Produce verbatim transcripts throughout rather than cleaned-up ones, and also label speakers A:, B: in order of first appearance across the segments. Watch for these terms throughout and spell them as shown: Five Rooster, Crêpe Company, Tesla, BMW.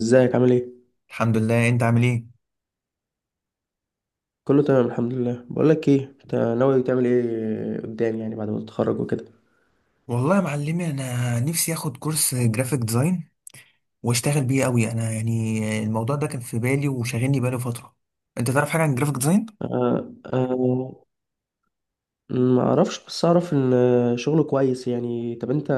A: ازيك عامل ايه؟
B: الحمد لله، انت عامل ايه؟
A: كله تمام الحمد لله. بقول لك ايه، انت ناوي تعمل ايه قدام يعني بعد ما تتخرج وكده؟
B: والله يا معلمي، انا نفسي اخد كورس جرافيك ديزاين واشتغل بيه قوي. انا يعني الموضوع ده كان في بالي وشاغلني بقاله فتره. انت تعرف حاجه عن جرافيك ديزاين؟
A: آه، آه. ما اعرفش، بس اعرف ان شغله كويس يعني. طب انت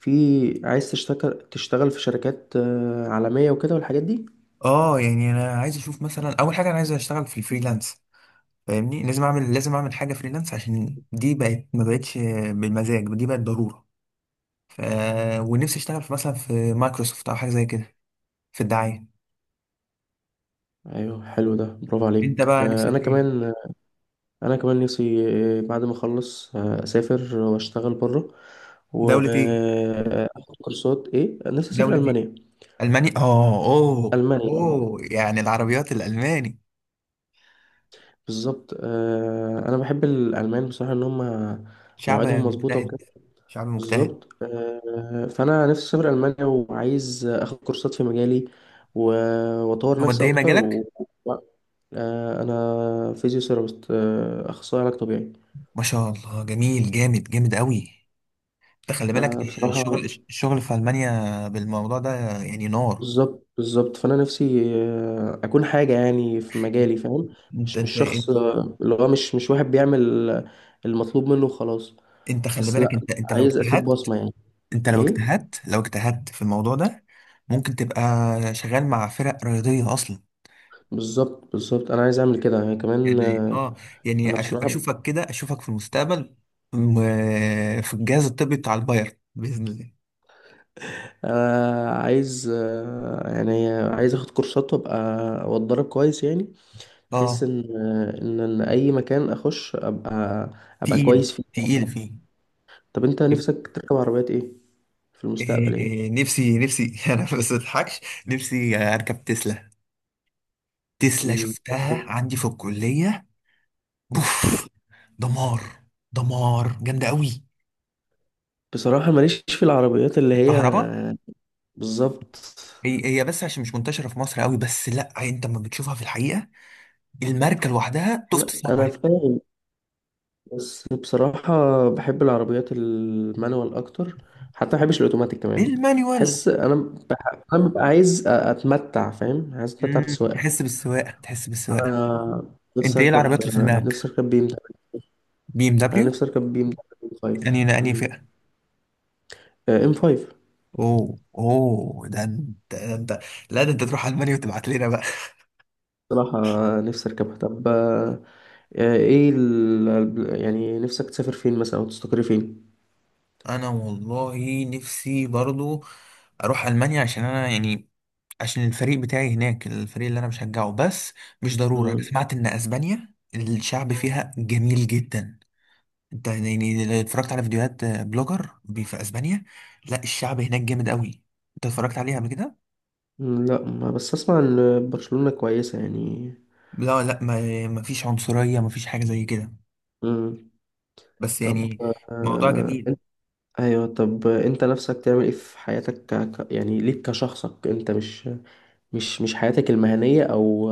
A: في عايز تشتغل تشتغل في شركات آه، عالمية وكده والحاجات دي؟
B: اه، يعني انا عايز اشوف مثلا. اول حاجه انا عايز اشتغل في الفريلانس، فاهمني. لازم اعمل لازم اعمل حاجه فريلانس عشان دي بقت، ما بقتش بالمزاج، دي بقت ضروره. ف ونفسي اشتغل في، مثلا، في مايكروسوفت او حاجه زي كده، في الدعايه.
A: ايوه، حلو ده، برافو
B: انت
A: عليك.
B: بقى
A: آه
B: نفسك
A: انا
B: في ايه؟
A: كمان. انا كمان نفسي آه، بعد ما اخلص آه، اسافر واشتغل بره.
B: دوله ايه؟
A: واخد كورسات. ايه، نفسي اسافر
B: دوله ايه؟
A: المانيا.
B: ألماني، آه أوه
A: المانيا.
B: أوه، يعني العربيات الألماني.
A: بالظبط. آه، انا بحب الالمان بصراحه ان هم
B: شعب
A: مواعيدهم مظبوطه
B: مجتهد،
A: وكده.
B: شعب مجتهد.
A: بالظبط. آه، فانا نفسي اسافر المانيا وعايز اخد كورسات في مجالي و- واطور
B: هو أنت
A: نفسي
B: إيه
A: اكتر
B: مجالك؟
A: و... و- آه، انا فيزيوثيرابيست، آه، اخصائي علاج طبيعي.
B: ما شاء الله، جميل جامد جامد قوي. أنت خلي بالك، ده
A: فبصراحه،
B: الشغل الشغل في ألمانيا بالموضوع ده، يعني نار.
A: بالظبط بالظبط، فانا نفسي آه، اكون حاجه يعني في مجالي، فاهم؟
B: أنت
A: مش مش
B: أنت
A: شخص آه، اللي هو مش مش واحد بيعمل المطلوب منه وخلاص.
B: أنت خلي
A: بس، لا،
B: بالك، أنت أنت لو
A: عايز اسيب
B: اجتهدت،
A: بصمه يعني.
B: أنت لو
A: ايه.
B: اجتهدت لو اجتهدت في الموضوع ده ممكن تبقى شغال مع فرق رياضية أصلا.
A: بالظبط بالظبط، انا عايز اعمل كده يعني كمان.
B: يعني
A: آه،
B: اه، يعني
A: انا
B: أش-
A: بصراحه
B: اشوفك كده، اشوفك في المستقبل، م- في الجهاز الطبي بتاع البايرن باذن الله.
A: آه، عايز، آه، يعني عايز اخد كورسات وابقى واتدرب كويس يعني، بحيث
B: اه.
A: ان آه، ان إن اي مكان اخش ابقى، ابقى
B: تقيل
A: كويس فيه
B: تقيل
A: يعني.
B: فيه.
A: طب انت
B: يب-
A: نفسك تركب عربيات ايه في المستقبل،
B: إيه
A: ايه؟
B: إيه، نفسي نفسي انا بس ما اضحكش. نفسي اركب تسلا، تسلا
A: مم.
B: شفتها عندي في الكليه. بوف! دمار! دمار جامده قوي.
A: بصراحه ماليش في العربيات اللي هي،
B: الكهرباء.
A: بالظبط.
B: هي هي، بس عشان مش منتشره في مصر قوي. بس لا، انت لما بتشوفها في الحقيقه الماركه لوحدها تفت
A: انا
B: صنع.
A: انا فاهم. بس بصراحة، بحب العربيات المانوال أكتر. حتى ما بحبش الأوتوماتيك كمان.
B: المانيوال.
A: بحس أنا. بح... أنا ببقى عايز أ- أتمتع، فاهم، عايز أتمتع
B: مم.
A: بالسواقة.
B: تحس بالسواقه، تحس بالسواقه.
A: أنا. نفسي
B: انت ايه العربيات
A: أركب
B: اللي في دماغك؟
A: نفسي أركب بي إم دبليو.
B: بي ام
A: أنا
B: دبليو.
A: نفسي أركب بي إم دبليو خمسة
B: يعني انهي فئه؟
A: إم خمسة.
B: اوه اوه، ده انت، ده انت. لا، ده انت تروح المانيا وتبعت لنا بقى.
A: بصراحة، نفسي أركبها. طب آه، إيه ال... يعني نفسك تسافر فين مثلا أو تستقر فين؟
B: انا والله نفسي برضو اروح المانيا، عشان انا يعني، عشان الفريق بتاعي هناك، الفريق اللي انا بشجعه. بس مش ضرورة. انا
A: مم.
B: سمعت ان اسبانيا الشعب فيها جميل جدا. انت يعني لو اتفرجت على فيديوهات بلوجر بي- في اسبانيا، لا الشعب هناك جامد قوي. انت اتفرجت عليها قبل كده؟
A: مم، لا، ما بس أسمع إن برشلونة كويسة يعني.
B: لا لا، ما ما فيش عنصرية، ما فيش حاجة زي كده.
A: مم.
B: بس
A: طب،
B: يعني، موضوع
A: آه،
B: جميل.
A: ايوه. طب انت نفسك تعمل ايه في حياتك، ك... ك- يعني ليك كشخصك انت، مش، مش مش حياتك المهنية، او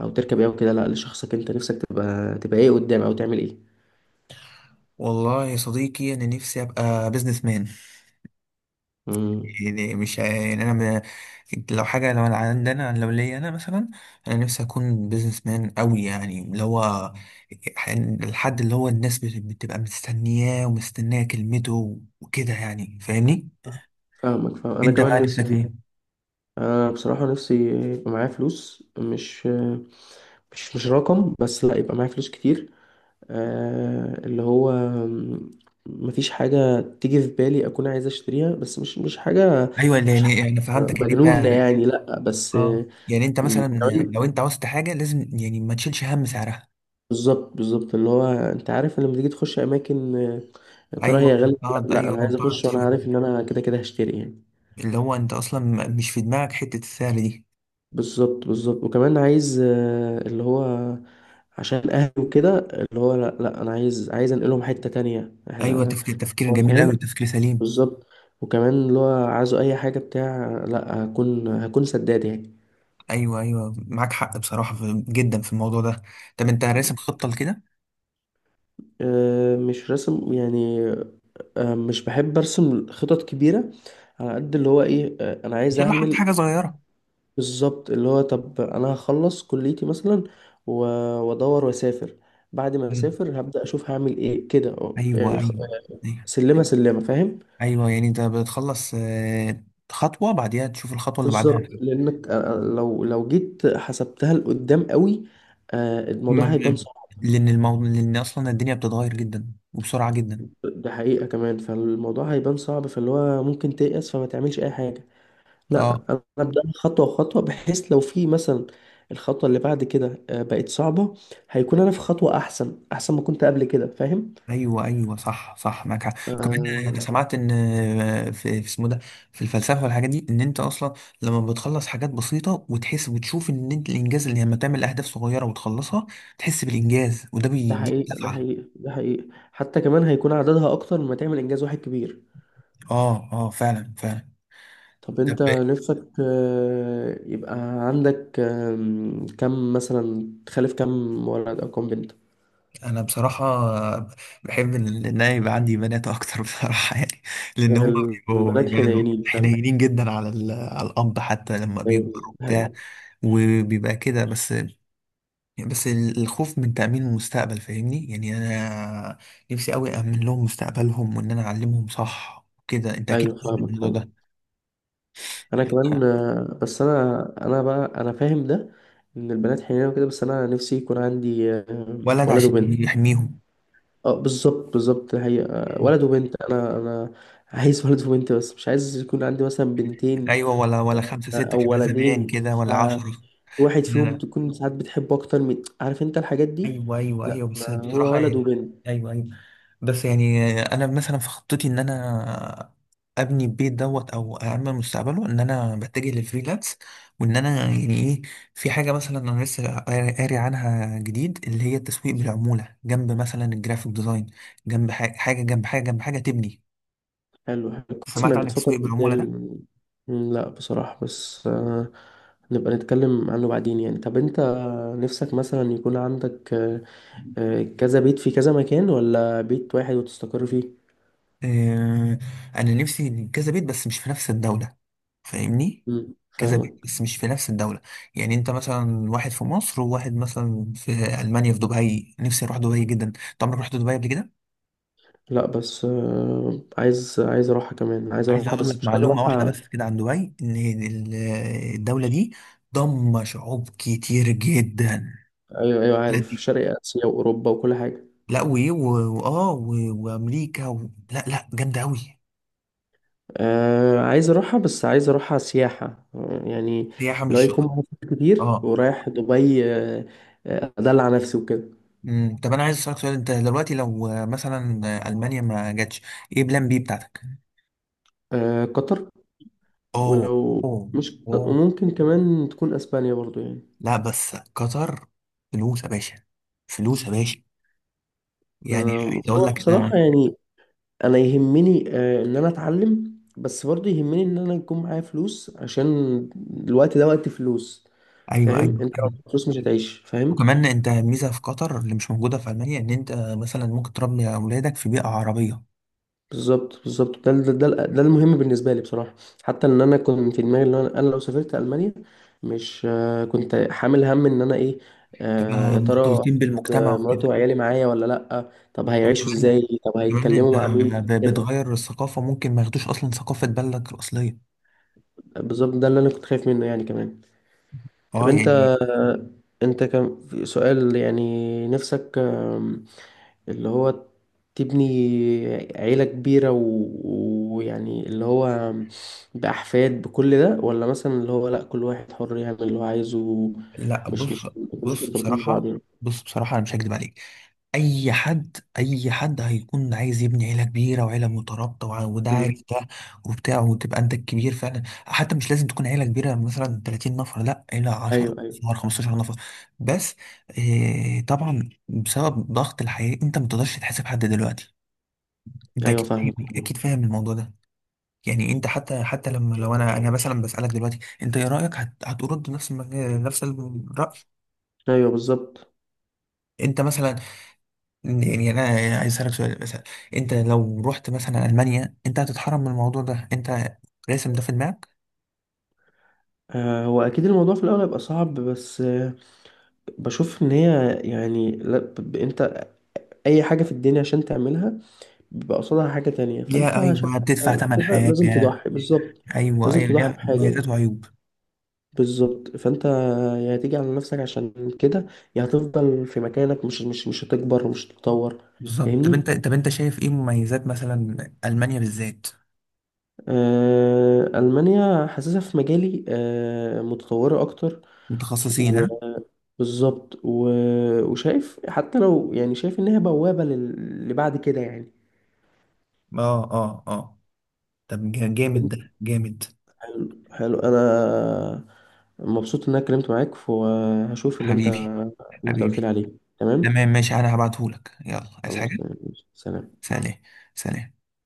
A: او تركب ايه او كده، لا لشخصك انت نفسك تبقى تبقى ايه قدام او تعمل ايه؟
B: والله يا صديقي، انا نفسي ابقى بيزنس مان.
A: امم.
B: يعني مش، يعني انا م... لو حاجة، لو انا عندنا، لو ليا انا مثلا، انا نفسي اكون بيزنس مان قوي، يعني اللي هو الحد اللي هو الناس بت- بتبقى مستنياه ومستنية كلمته وكده، يعني فاهمني.
A: فاهمك، فاهم. انا
B: انت
A: كمان
B: بقى نفسك
A: نفسي،
B: ايه؟
A: انا بصراحة نفسي يبقى معايا فلوس، مش، مش مش رقم بس، لا، يبقى معايا فلوس كتير. آه، اللي هو، م- مفيش حاجة تيجي في بالي أكون عايز أشتريها، بس مش مش حاجة،
B: ايوه، اللي
A: مش حاجة
B: يعني انا فهمتك ان
A: مجنونة
B: انت.
A: يعني. لأ، بس
B: اه
A: آه،
B: يعني انت
A: م-
B: مثلا
A: كمان،
B: لو انت عاوزت حاجة لازم يعني ما تشيلش هم سعرها.
A: بالظبط بالظبط، اللي هو أنت عارف، لما تيجي تخش أماكن، آه، يا ترى
B: ايوه،
A: هي غالية ولا لأ؟
B: وتقعد
A: لأ، أنا
B: ايوه
A: عايز
B: وتقعد
A: أخش وأنا
B: تشوف،
A: عارف إن أنا كده كده هشتري يعني.
B: اللي هو انت اصلا م- مش في دماغك حته السهل دي.
A: بالظبط بالظبط، وكمان عايز، آه، اللي هو عشان أهلي وكده، اللي هو لأ لأ، أنا عايز عايز أنقلهم حتة تانية،
B: ايوه،
A: إحنا.
B: تفكير تفكير
A: هو
B: جميل قوي،
A: فاهم.
B: تفكير سليم.
A: بالظبط. وكمان اللي هو عايزه اي حاجه بتاع، لا، هكون هكون سداد يعني.
B: ايوه ايوه، معاك حق بصراحه، في جدا في الموضوع ده. طب انت راسم خطه لكده؟
A: أه، مش رسم يعني. أه، مش بحب ارسم خطط كبيره، على قد اللي هو ايه، أه انا
B: ان
A: عايز
B: شاء الله حتى
A: اعمل.
B: حاجه صغيره.
A: بالظبط، اللي هو طب انا هخلص كليتي مثلا و- وادور واسافر. بعد ما
B: مم.
A: اسافر هبدا اشوف هعمل ايه كده، أه،
B: ايوه
A: يعني خ-
B: ايوه ايوه.
A: سلمه سلمه، فاهم.
B: أيوة، يعني انت بتخلص، آه، خطوه بعديها تشوف الخطوه اللي بعدها.
A: بالظبط، لانك أه، لو لو جيت حسبتها لقدام قوي، أه
B: م-
A: الموضوع هيبان
B: م-
A: صعب.
B: لان الموضوع، لان اصلا الدنيا بتتغير جدا وبسرعه جدا.
A: ده حقيقة كمان، فالموضوع هيبان صعب، فاللي هو ممكن تيأس فما تعملش أي حاجة. لا،
B: اه،
A: أنا أبدأ خطوة خطوة، بحيث لو في مثلا الخطوة اللي بعد كده آه، بقت صعبة، هيكون أنا في خطوة أحسن أحسن ما كنت قبل كده، فاهم؟
B: ايوه ايوه، صح صح، معاك حق. كمان
A: آه.
B: انا سمعت ان في في اسمه ده في الفلسفه والحاجات دي، ان انت اصلا لما بتخلص حاجات بسيطه وتحس وتشوف ان انت الانجاز، اللي لما تعمل اهداف صغيره وتخلصها تحس بالانجاز، وده
A: ده
B: بيديك
A: حقيقة ده
B: دفعه.
A: حقيقة ده حقيقة، حتى كمان هيكون عددها أكتر لما تعمل إنجاز واحد كبير.
B: اه اه، فعلا فعلا.
A: طب
B: طب
A: أنت نفسك آه، يبقى عندك، آم، كم مثلا؟ تخلف كم ولد أو كم بنت؟
B: انا بصراحه بحب ان إن انا يبقى عندي بنات اكتر بصراحه يعني. لان هم بيبقوا
A: البنات
B: بيبقوا
A: حنينين فعلا.
B: حنينين جدا على ال- على الاب، حتى لما
A: أيوة.
B: بيكبر
A: ده
B: وبتاع،
A: حقيقة.
B: وبيبقى كده. بس يعني، بس ال- الخوف من تأمين المستقبل، فاهمني، يعني أنا نفسي أوي أأمن لهم مستقبلهم، وإن أنا أعلمهم صح وكده. أنت
A: ايوه،
B: أكيد فاهم
A: فاهمك
B: الموضوع
A: فاهمك.
B: ده.
A: انا كمان آه، بس انا انا بقى انا فاهم ده، ان البنات حنينه وكده. بس انا نفسي يكون عندي آه،
B: ولد
A: ولد
B: عشان
A: وبنت.
B: يحميهم.
A: اه بالظبط بالظبط، هي آه،
B: مم.
A: ولد وبنت، انا انا عايز ولد وبنت، بس مش عايز يكون عندي مثلا بنتين
B: أيوة، ولا ولا خمسة
A: آه،
B: ستة
A: او
B: كده، زمان
A: ولدين
B: كده،
A: ف
B: ولا عشرة.
A: واحد فيهم تكون ساعات بتحبه اكتر من، عارف انت الحاجات دي.
B: ايوه ايوه
A: لا،
B: ايوه، بس
A: انا هو
B: بصراحه
A: ولد
B: يعني.
A: وبنت.
B: ايوه ايوه، بس يعني انا مثلا في خطتي ان انا ابني البيت دوت، او اعمل مستقبله، ان انا بتجه للفريلانس، وان انا يعني ايه، في حاجه مثلا انا لسه قاري قاري عنها جديد، اللي هي التسويق بالعموله، جنب مثلا الجرافيك ديزاين، جنب حاجه حاجه، جنب حاجه جنب حاجه تبني.
A: حلو حلو، كويس
B: سمعت
A: انك
B: عن
A: بتفكر
B: التسويق بالعموله ده؟
A: قدام. لا بصراحة، بس آه، نبقى نتكلم عنه بعدين يعني. طب انت نفسك مثلا يكون عندك آه، آه، كذا بيت في كذا مكان، ولا بيت واحد وتستقر فيه؟
B: آه، انا نفسي كذا بيت، بس مش في نفس الدولة، فاهمني.
A: مم،
B: كذا مم. بيت،
A: فاهمك.
B: بس مش في نفس الدولة. يعني انت مثلا واحد في مصر، وواحد مثلا في المانيا، في دبي. نفسي اروح دبي جدا. انت عمرك رحت دبي قبل كده؟
A: لا، بس آه، عايز عايز اروحها كمان، عايز
B: عايز
A: اروحها
B: اقول
A: بس
B: لك
A: مش عايز
B: معلومة واحدة
A: اروحها.
B: بس كده عن دبي، ان ال- الدولة دي ضم شعوب كتير جدا.
A: ايوه ايوه،
B: لا
A: عارف،
B: دي،
A: شرق اسيا واوروبا وكل حاجه.
B: لا وإيه، و- واه و- وامريكا و... لا لا، جامدة قوي.
A: آه، عايز اروحها، بس عايز اروحها سياحه آه، يعني،
B: سياحة
A: لو
B: مش
A: يكون
B: شغل.
A: معايا فلوس كتير
B: اه.
A: ورايح دبي آه، آه، ادلع نفسي وكده.
B: مم. طب انا عايز اسالك سؤال. انت دلوقتي لو آه، مثلا، آه، المانيا ما جاتش، ايه بلان بي بتاعتك؟
A: آه، قطر.
B: اوه،
A: ولو
B: اوه،
A: مش قطر،
B: اوه،
A: وممكن كمان تكون اسبانيا برضو يعني.
B: لا بس قطر. فلوس يا باشا، فلوس يا باشا. يعني
A: آه،
B: عايز اقول
A: هو
B: لك
A: بصراحة
B: انا.
A: يعني، انا يهمني آه، ان انا اتعلم، بس برضه يهمني ان انا يكون معايا فلوس عشان الوقت ده وقت فلوس.
B: ايوه
A: فاهم؟
B: ايوه
A: انت لو
B: ايوه،
A: معاك فلوس مش هتعيش. فاهم؟
B: وكمان انت ميزه في قطر اللي مش موجوده في المانيا، ان انت مثلا ممكن تربي اولادك في بيئه عربيه،
A: بالظبط بالظبط، ده ده, ده ده المهم بالنسبه لي بصراحه. حتى ان انا كنت في دماغي ان انا أنا لو سافرت المانيا، مش آه، كنت حامل هم ان انا ايه، آه،
B: تبقى
A: يا ترى
B: مختلطين
A: هاخد
B: بالمجتمع
A: آه، مراتي
B: وكده.
A: وعيالي معايا ولا لا؟ طب هيعيشوا
B: وكمان
A: ازاي؟ طب
B: كمان انت
A: هيتكلموا مع مين
B: ب-
A: كده؟
B: بتغير الثقافه ممكن ما ياخدوش اصلا ثقافه بلدك الاصليه.
A: بالظبط، ده اللي انا كنت خايف منه يعني كمان. طب
B: اه
A: انت،
B: يعني.
A: انت كان في سؤال يعني، نفسك آم، اللي هو تبني عيلة كبيرة و- ويعني اللي هو بأحفاد بكل ده، ولا مثلا اللي هو لأ كل واحد حر يعمل اللي هو عايزه،
B: لا
A: مش
B: بص،
A: مش مش
B: بص
A: مرتبطين ببعض
B: بصراحة
A: يعني.
B: بص بصراحة أنا مش هكدب عليك. أي حد أي حد هيكون عايز يبني عيلة كبيرة وعيلة مترابطة وع- وده
A: مم.
B: عارف ده وبتاع، وتبقى أنت الكبير فعلا. حتى مش لازم تكون عيلة كبيرة مثلا ثلاثين نفر، لا عيلة عشر
A: أيوه أيوه
B: نفر، خمسة عشر نفر بس. آه طبعا بسبب ضغط الحياة أنت ما تقدرش تحاسب حد دلوقتي. أنت
A: أيوه.
B: أكيد
A: فاهمك
B: فاهم، أكيد
A: فاهمك.
B: فاهم الموضوع ده. يعني انت، حتى حتى لما لو انا انا مثلا بسألك دلوقتي انت ايه رأيك، هت... هترد نفس المج... نفس الرأي؟
A: أيوه بالظبط.
B: انت مثلا، يعني انا عايز اسالك سؤال مثلا، انت لو رحت مثلا المانيا، انت هتتحرم من الموضوع ده؟ انت راسم ده في دماغك؟
A: آه، هو أكيد الموضوع في الأول هيبقى صعب، بس آه، بشوف إن هي يعني لا، ب- ب- أنت أي حاجة في الدنيا عشان تعملها بيبقى قصادها حاجة تانية. فأنت
B: ليها،
A: عشان
B: ايوه بتدفع ثمن
A: كده لازم
B: حاجه.
A: تضحي، بالظبط،
B: ايوه
A: لازم
B: ايوه،
A: تضحي
B: ليها
A: بحاجة
B: مميزات
A: يعني.
B: وعيوب.
A: بالظبط، فأنت يا هتيجي على نفسك عشان كده، يا هتفضل في مكانك، مش مش مش هتكبر ومش هتتطور.
B: بالظبط. طب انت
A: فاهمني؟
B: طب انت شايف ايه مميزات مثلا، المانيا بالذات؟
A: آه، ألمانيا حاسسها في مجالي آه متطورة أكتر.
B: متخصصين،
A: و
B: ها؟
A: بالظبط، و... وشايف حتى لو يعني، شايف إن هي بوابة لل... لبعد كده يعني.
B: اه اه اه. طب جا- جامد، ده جامد.
A: حلو، انا مبسوط ان انا اتكلمت معاك، وهشوف اللي انت
B: حبيبي،
A: اللي انت قلت
B: حبيبي،
A: لي عليه. تمام.
B: تمام ماشي. انا هبعتهولك، يلا، عايز
A: خلاص،
B: حاجه.
A: تمام. سلام.
B: سلام، سلام،